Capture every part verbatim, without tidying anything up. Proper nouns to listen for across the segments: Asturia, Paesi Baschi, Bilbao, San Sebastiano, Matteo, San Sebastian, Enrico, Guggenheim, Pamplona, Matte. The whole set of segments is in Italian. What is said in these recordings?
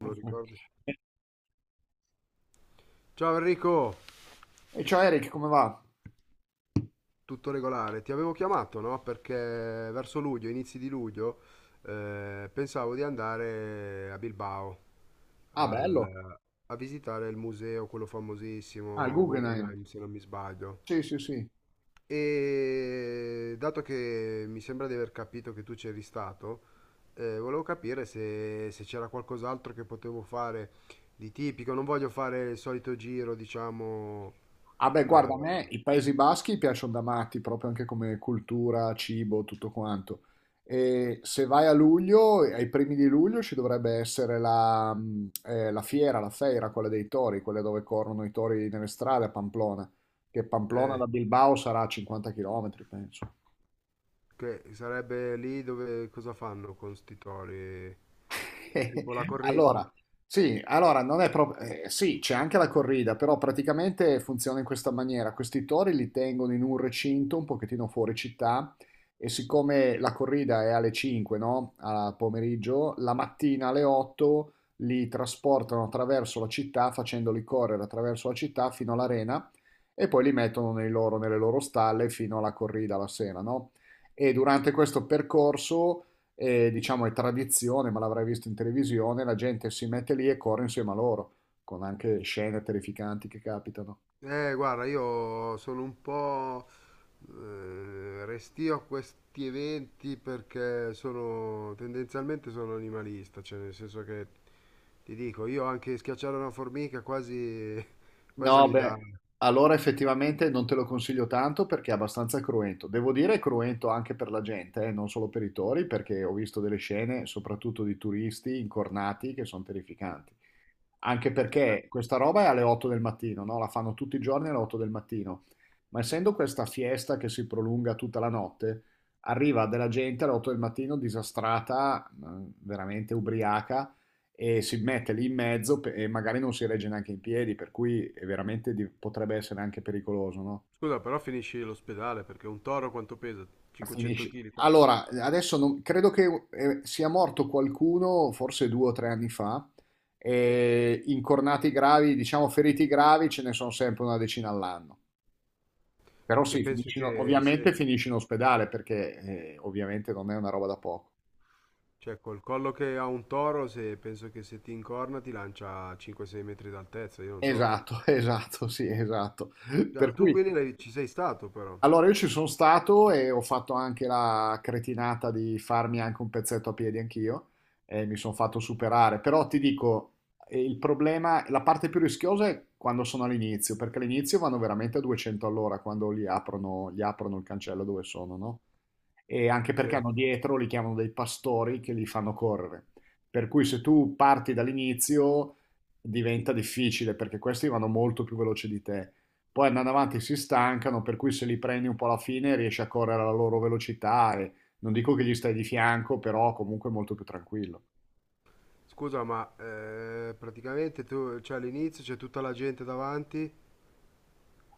Me lo ricordi? Ciao Enrico, E ciao Eric, come va? tutto regolare. Ti avevo chiamato, no? Perché verso luglio, inizi di luglio, eh, pensavo di andare a Bilbao Ah, bello. al- a visitare il museo, quello Ah, il famosissimo, Guggenheim. Guggenheim, se non mi sbaglio. Sì, sì, sì. E dato che mi sembra di aver capito che tu c'eri stato, eh, volevo capire se, se c'era qualcos'altro che potevo fare di tipico. Non voglio fare il solito giro, diciamo. Ah, beh, guarda, a eh, me i Paesi Baschi piacciono da matti, proprio anche come cultura, cibo, tutto quanto. E se vai a luglio, ai primi di luglio, ci dovrebbe essere la, mh, eh, la fiera, la feira, quella dei tori, quella dove corrono i tori nelle strade a Pamplona, che Pamplona eh, da Bilbao sarà a cinquanta chilometri, penso. Che sarebbe lì dove cosa fanno con sti tori? È tipo la corrida. Allora, sì, allora non è proprio, eh, sì, c'è anche la corrida, però praticamente funziona in questa maniera. Questi tori li tengono in un recinto un pochettino fuori città e siccome la corrida è alle cinque, no? Al pomeriggio, la mattina alle otto li trasportano attraverso la città, facendoli correre attraverso la città fino all'arena e poi li mettono nei loro- nelle loro stalle fino alla corrida la sera, no? E durante questo percorso e diciamo è tradizione, ma l'avrai visto in televisione, la gente si mette lì e corre insieme a loro, con anche scene terrificanti che capitano. Eh, guarda, io sono un po' eh, restio a questi eventi perché sono tendenzialmente sono animalista, cioè nel senso che ti dico, io anche schiacciare una formica quasi, quasi No, mi bello. dà. Beh, allora effettivamente non te lo consiglio tanto perché è abbastanza cruento. Devo dire è cruento anche per la gente, eh, non solo per i tori, perché ho visto delle scene, soprattutto di turisti incornati, che sono terrificanti. Anche eh, perché questa roba è alle otto del mattino, no? La fanno tutti i giorni alle otto del mattino. Ma essendo questa fiesta che si prolunga tutta la notte, arriva della gente alle otto del mattino disastrata, mh, veramente ubriaca, e si mette lì in mezzo pe- e magari non si regge neanche in piedi, per cui è veramente di- potrebbe essere anche pericoloso, no? Scusa, però finisci l'ospedale perché un toro quanto pesa? 500 Finisci. kg? Allora, adesso non- credo che eh, sia morto qualcuno, forse due o tre anni fa, e incornati gravi, diciamo feriti gravi, ce ne sono sempre una decina all'anno. Però Perché sì, penso finisci in- che ovviamente se. finisci in ospedale perché eh, ovviamente non è una roba da poco. Cioè, col collo che ha un toro, se penso che se ti incorna ti lancia a cinque sei metri d'altezza, io non so. Esatto, esatto, sì, esatto. Per Già, tu cui, quindi l'hai- ci sei stato però. allora io ci sono stato e ho fatto anche la cretinata di farmi anche un pezzetto a piedi anch'io e mi sono fatto superare. Però ti dico, eh, il problema, la parte più rischiosa è quando sono all'inizio, perché all'inizio vanno veramente a duecento all'ora quando gli aprono, gli aprono il cancello dove sono, no? E anche perché Sì. hanno dietro, li chiamano dei pastori che li fanno correre. Per cui se tu parti dall'inizio diventa difficile perché questi vanno molto più veloci di te. Poi andando avanti si stancano, per cui se li prendi un po' alla fine riesci a correre alla loro velocità e non dico che gli stai di fianco, però comunque molto più tranquillo. Scusa, ma eh, praticamente tu, cioè, all'inizio c'è tutta la gente davanti.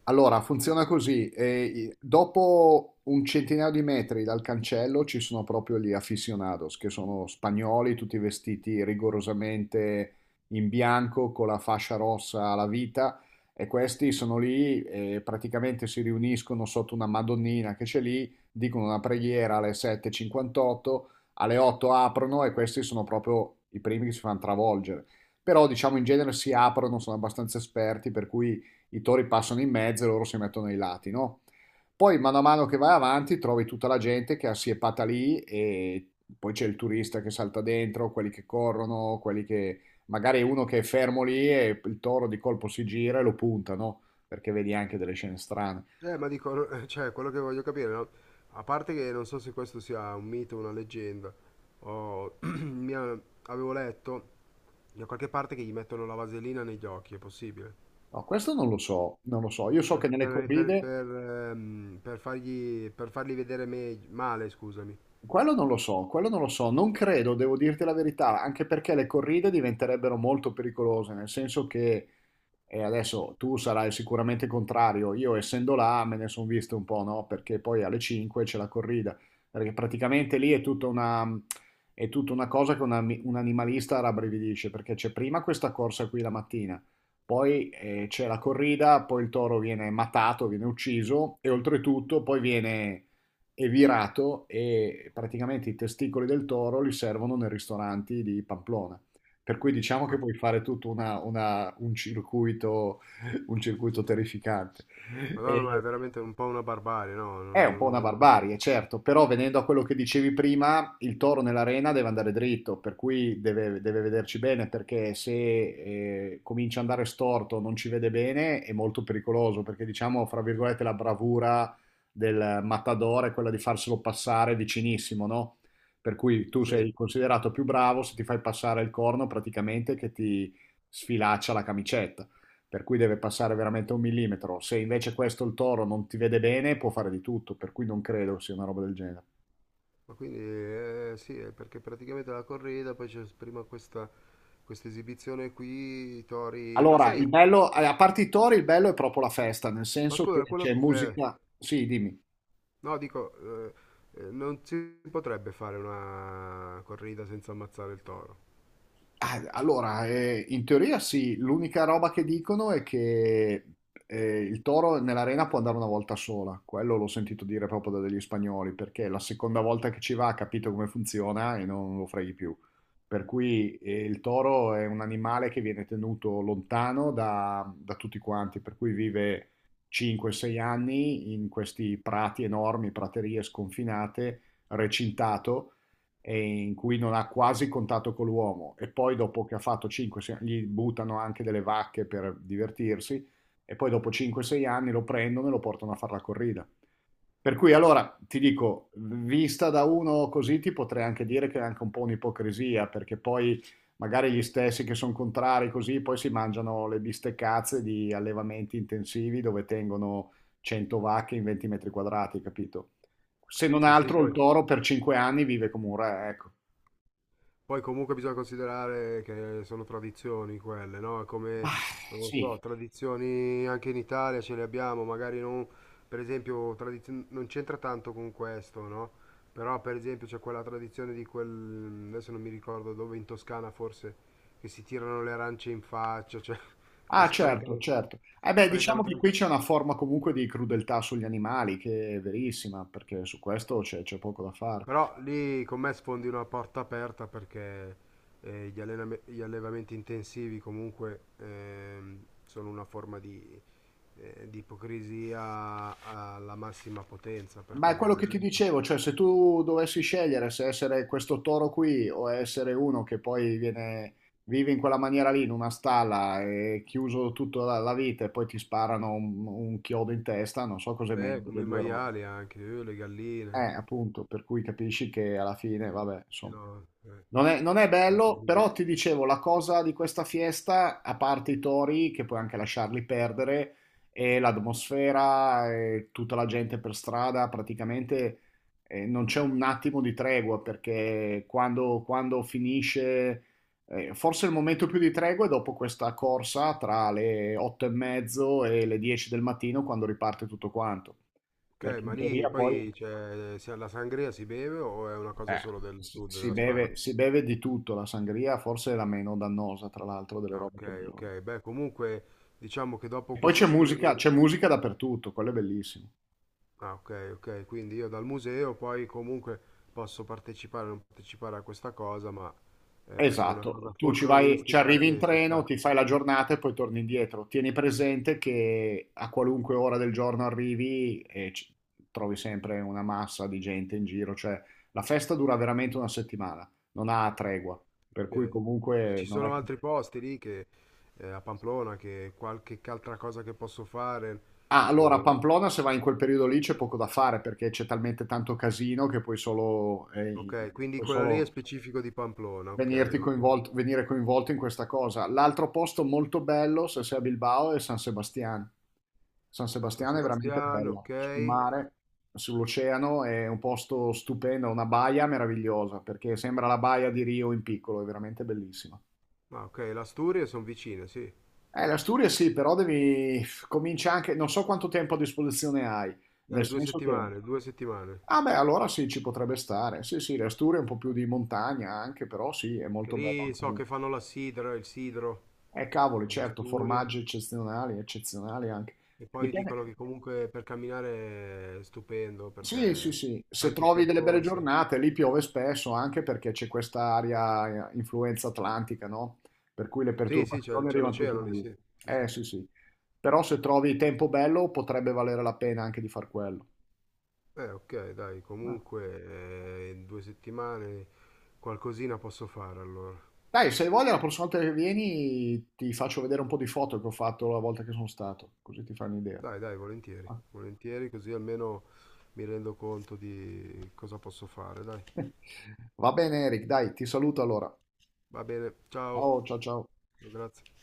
Allora, e- funziona così. Eh, i- dopo un centinaio di metri dal cancello ci sono proprio gli aficionados, che sono spagnoli, tutti vestiti rigorosamente in bianco, con la fascia rossa alla vita, e questi sono lì e praticamente si riuniscono sotto una Madonnina che c'è lì, dicono una preghiera alle sette e cinquantotto, alle otto aprono e questi sono proprio i primi che si fanno travolgere. Però, diciamo, in genere si aprono, sono abbastanza esperti, per cui i tori passano in mezzo e loro si mettono ai lati, no? Poi mano a mano che vai avanti trovi tutta la gente che è assiepata lì e poi c'è il turista che salta dentro, quelli che corrono, quelli che magari uno che è fermo lì e il toro di colpo si gira e lo punta, no? Perché vedi anche delle scene strane. eh, ma dico, cioè, quello che voglio capire, no? A parte che non so se questo sia un mito o una leggenda, o mi ha- avevo letto da qualche parte che gli mettono la vaselina negli occhi, è possibile? No, questo non lo so, non lo so. Io so che Per, nelle per- per- corride, per, ehm, per fargli, per farli vedere me- male, scusami. quello non lo so, quello non lo so. Non credo, devo dirti la verità, anche perché le corride diventerebbero molto pericolose, nel senso che... E adesso tu sarai sicuramente contrario. Io, essendo là, me ne sono visto un po', no? Perché poi alle cinque c'è la corrida. Perché praticamente lì è tutta una, è tutta una cosa che una- un animalista rabbrividisce. Perché c'è prima questa corsa qui la mattina, poi eh, c'è la corrida, poi il toro viene matato, viene ucciso, e oltretutto poi viene evirato. E praticamente i testicoli del toro li servono nei ristoranti di Pamplona. Per cui diciamo che Ma, puoi fare tutto una una un circuito un circuito terrificante. Madonna, ma è E veramente un po' una barbarie, no? è Non- un po' non- una non- barbarie, certo, però venendo a quello che dicevi prima, il toro nell'arena deve andare dritto, per cui deve, deve vederci bene, perché se eh, comincia ad andare storto, non ci vede bene, è molto pericoloso, perché diciamo, fra virgolette, la bravura del matador è quella di farselo passare vicinissimo, no? Per cui tu Sì, sei considerato più bravo se ti fai passare il corno praticamente che ti sfilaccia la camicetta per cui deve passare veramente un millimetro. Se invece questo il toro non ti vede bene, può fare di tutto, per cui non credo sia una roba del genere. ma quindi eh, sì, è perché praticamente la corrida, poi c'è prima questa, questa esibizione qui, i tori. Ma Allora, il sai, bello, eh, a parte i tori, il bello è proprio la festa, nel ma senso che scusa, c'è quello. eh, musica. Sì, dimmi. no, dico, eh, eh, non si potrebbe fare una corrida senza ammazzare il toro. Ah, allora, eh, in teoria sì, l'unica roba che dicono è che eh, il toro nell'arena può andare una volta sola, quello l'ho sentito dire proprio da degli spagnoli, perché la seconda volta che ci va ha capito come funziona e non lo freghi più. Per cui eh, il toro è un animale che viene tenuto lontano da, da tutti quanti, per cui vive cinque sei anni in questi prati enormi, praterie sconfinate, recintato e in cui non ha quasi contatto con l'uomo e poi dopo che ha fatto cinque, gli buttano anche delle vacche per divertirsi e poi dopo cinque sei anni lo prendono e lo portano a fare la corrida. Per cui allora ti dico, vista da uno così ti potrei anche dire che è anche un po' un'ipocrisia perché poi magari gli stessi che sono contrari così poi si mangiano le bisteccazze di allevamenti intensivi dove tengono cento vacche in venti metri quadrati, capito? Se non Sì, sì, altro il poi. toro per cinque anni vive come un re, ecco. Poi comunque bisogna considerare che sono tradizioni quelle, no? Come, Ah, non lo so, sì. tradizioni anche in Italia ce le abbiamo, magari non, per esempio, tradizio- non c'entra tanto con questo, no? Però per esempio c'è quella tradizione di quel, adesso non mi ricordo dove, in Toscana forse, che si tirano le arance in faccia, cioè, e Ah, certo, sprecano, certo. Eh beh, diciamo sprecano che tan-. qui c'è una forma comunque di crudeltà sugli animali, che è verissima, perché su questo c'è c'è poco da fare. Però lì con me sfondi una porta aperta perché eh, gli allenam- gli allevamenti intensivi comunque ehm, sono una forma di, eh, di ipocrisia alla massima potenza Ma perché è quello la che ti gente, dicevo, cioè se tu dovessi scegliere se essere questo toro qui o essere uno che poi viene, vive in quella maniera lì, in una stalla, e chiuso tutta la, la vita e poi ti sparano un, un chiodo in testa, non so cos'è eh, meglio come delle i due robe. maiali anche, eh, le Eh, galline, appunto, per cui capisci che alla fine, vabbè, sì, insomma. no, eh, Non è, non è bello, l'ipocrisia. però ti dicevo, la cosa di questa fiesta, a parte i tori, che puoi anche lasciarli perdere, e l'atmosfera, e tutta la gente per strada, praticamente eh, non c'è un attimo di tregua, perché quando, quando finisce, eh, forse il momento più di tregua è dopo questa corsa tra le otto e mezzo e le dieci del mattino, quando riparte tutto quanto. Ok, Perché ma in lì teoria poi... poi c'è, se la sangria si beve o è una cosa Eh, solo del si, sud si della Spagna? beve, si beve di tutto, la sangria forse è la meno dannosa, tra l'altro, delle Ah, robe ok, che bevono. ok, beh comunque diciamo che dopo E poi questo. c'è musica, c'è musica dappertutto, quello è bellissimo. Ah, ok, ok, quindi io dal museo poi comunque posso partecipare o non partecipare a questa cosa, ma è, è una Esatto, cosa tu ci vai, ci folcloristica arrivi in che ci treno, sta. ti fai la giornata e poi torni indietro. Tieni presente che a qualunque ora del giorno arrivi e ci- trovi sempre una massa di gente in giro, cioè la festa dura veramente una settimana, non ha tregua, per cui Ok. E comunque ci non è sono che... altri posti lì che eh, a Pamplona che qualche altra cosa che posso fare. Ah, allora a o- Pamplona se vai in quel periodo lì c'è poco da fare perché c'è talmente tanto casino che puoi solo, eh, ok, quindi puoi quello lì è solo specifico di Pamplona, ok, venirti ok. coinvolto, venire coinvolto in questa cosa. L'altro posto molto bello, se sei a Bilbao, è San Sebastian. San San Sebastian è veramente Sebastiano, bella, sul ok. mare, sull'oceano, è un posto stupendo, una baia meravigliosa perché sembra la baia di Rio in piccolo, è veramente bellissima. Ah, ok, l'Asturia sono vicine, sì. Eh, l'Asturia sì, però devi comincia anche, non so quanto tempo a disposizione hai, nel Eh, due senso che... settimane, due settimane. Ah beh, allora sì, ci potrebbe stare. Sì, sì, le Asturie è un po' più di montagna anche, però sì, è Che molto bello. lì so che fanno la sidra, il sidro Eh, cavoli, delle certo, Asturie. formaggi eccezionali, eccezionali anche. E poi dicono Dipende. che comunque per camminare è stupendo Sì, sì, perché sì. Se tanti trovi delle belle percorsi. giornate, lì piove spesso anche perché c'è questa aria eh, influenza atlantica, no? Per cui le Sì, sì, c'è perturbazioni c'è arrivano tutte l'oceano da lì, lì. sì. Sì, sì. Eh sì, sì. Però se trovi tempo bello, potrebbe valere la pena anche di far quello. Eh, ok, dai, Ah. comunque eh, in due settimane qualcosina posso fare allora. Dai, se hai voglia, la prossima volta che vieni ti faccio vedere un po' di foto che ho fatto la volta che sono stato, così ti fai un'idea. Dai, dai, volentieri, volentieri, così almeno mi rendo conto di cosa posso fare, dai. Va bene, Eric, dai, ti saluto allora. Va bene, ciao, Ciao, ciao, ciao. grazie.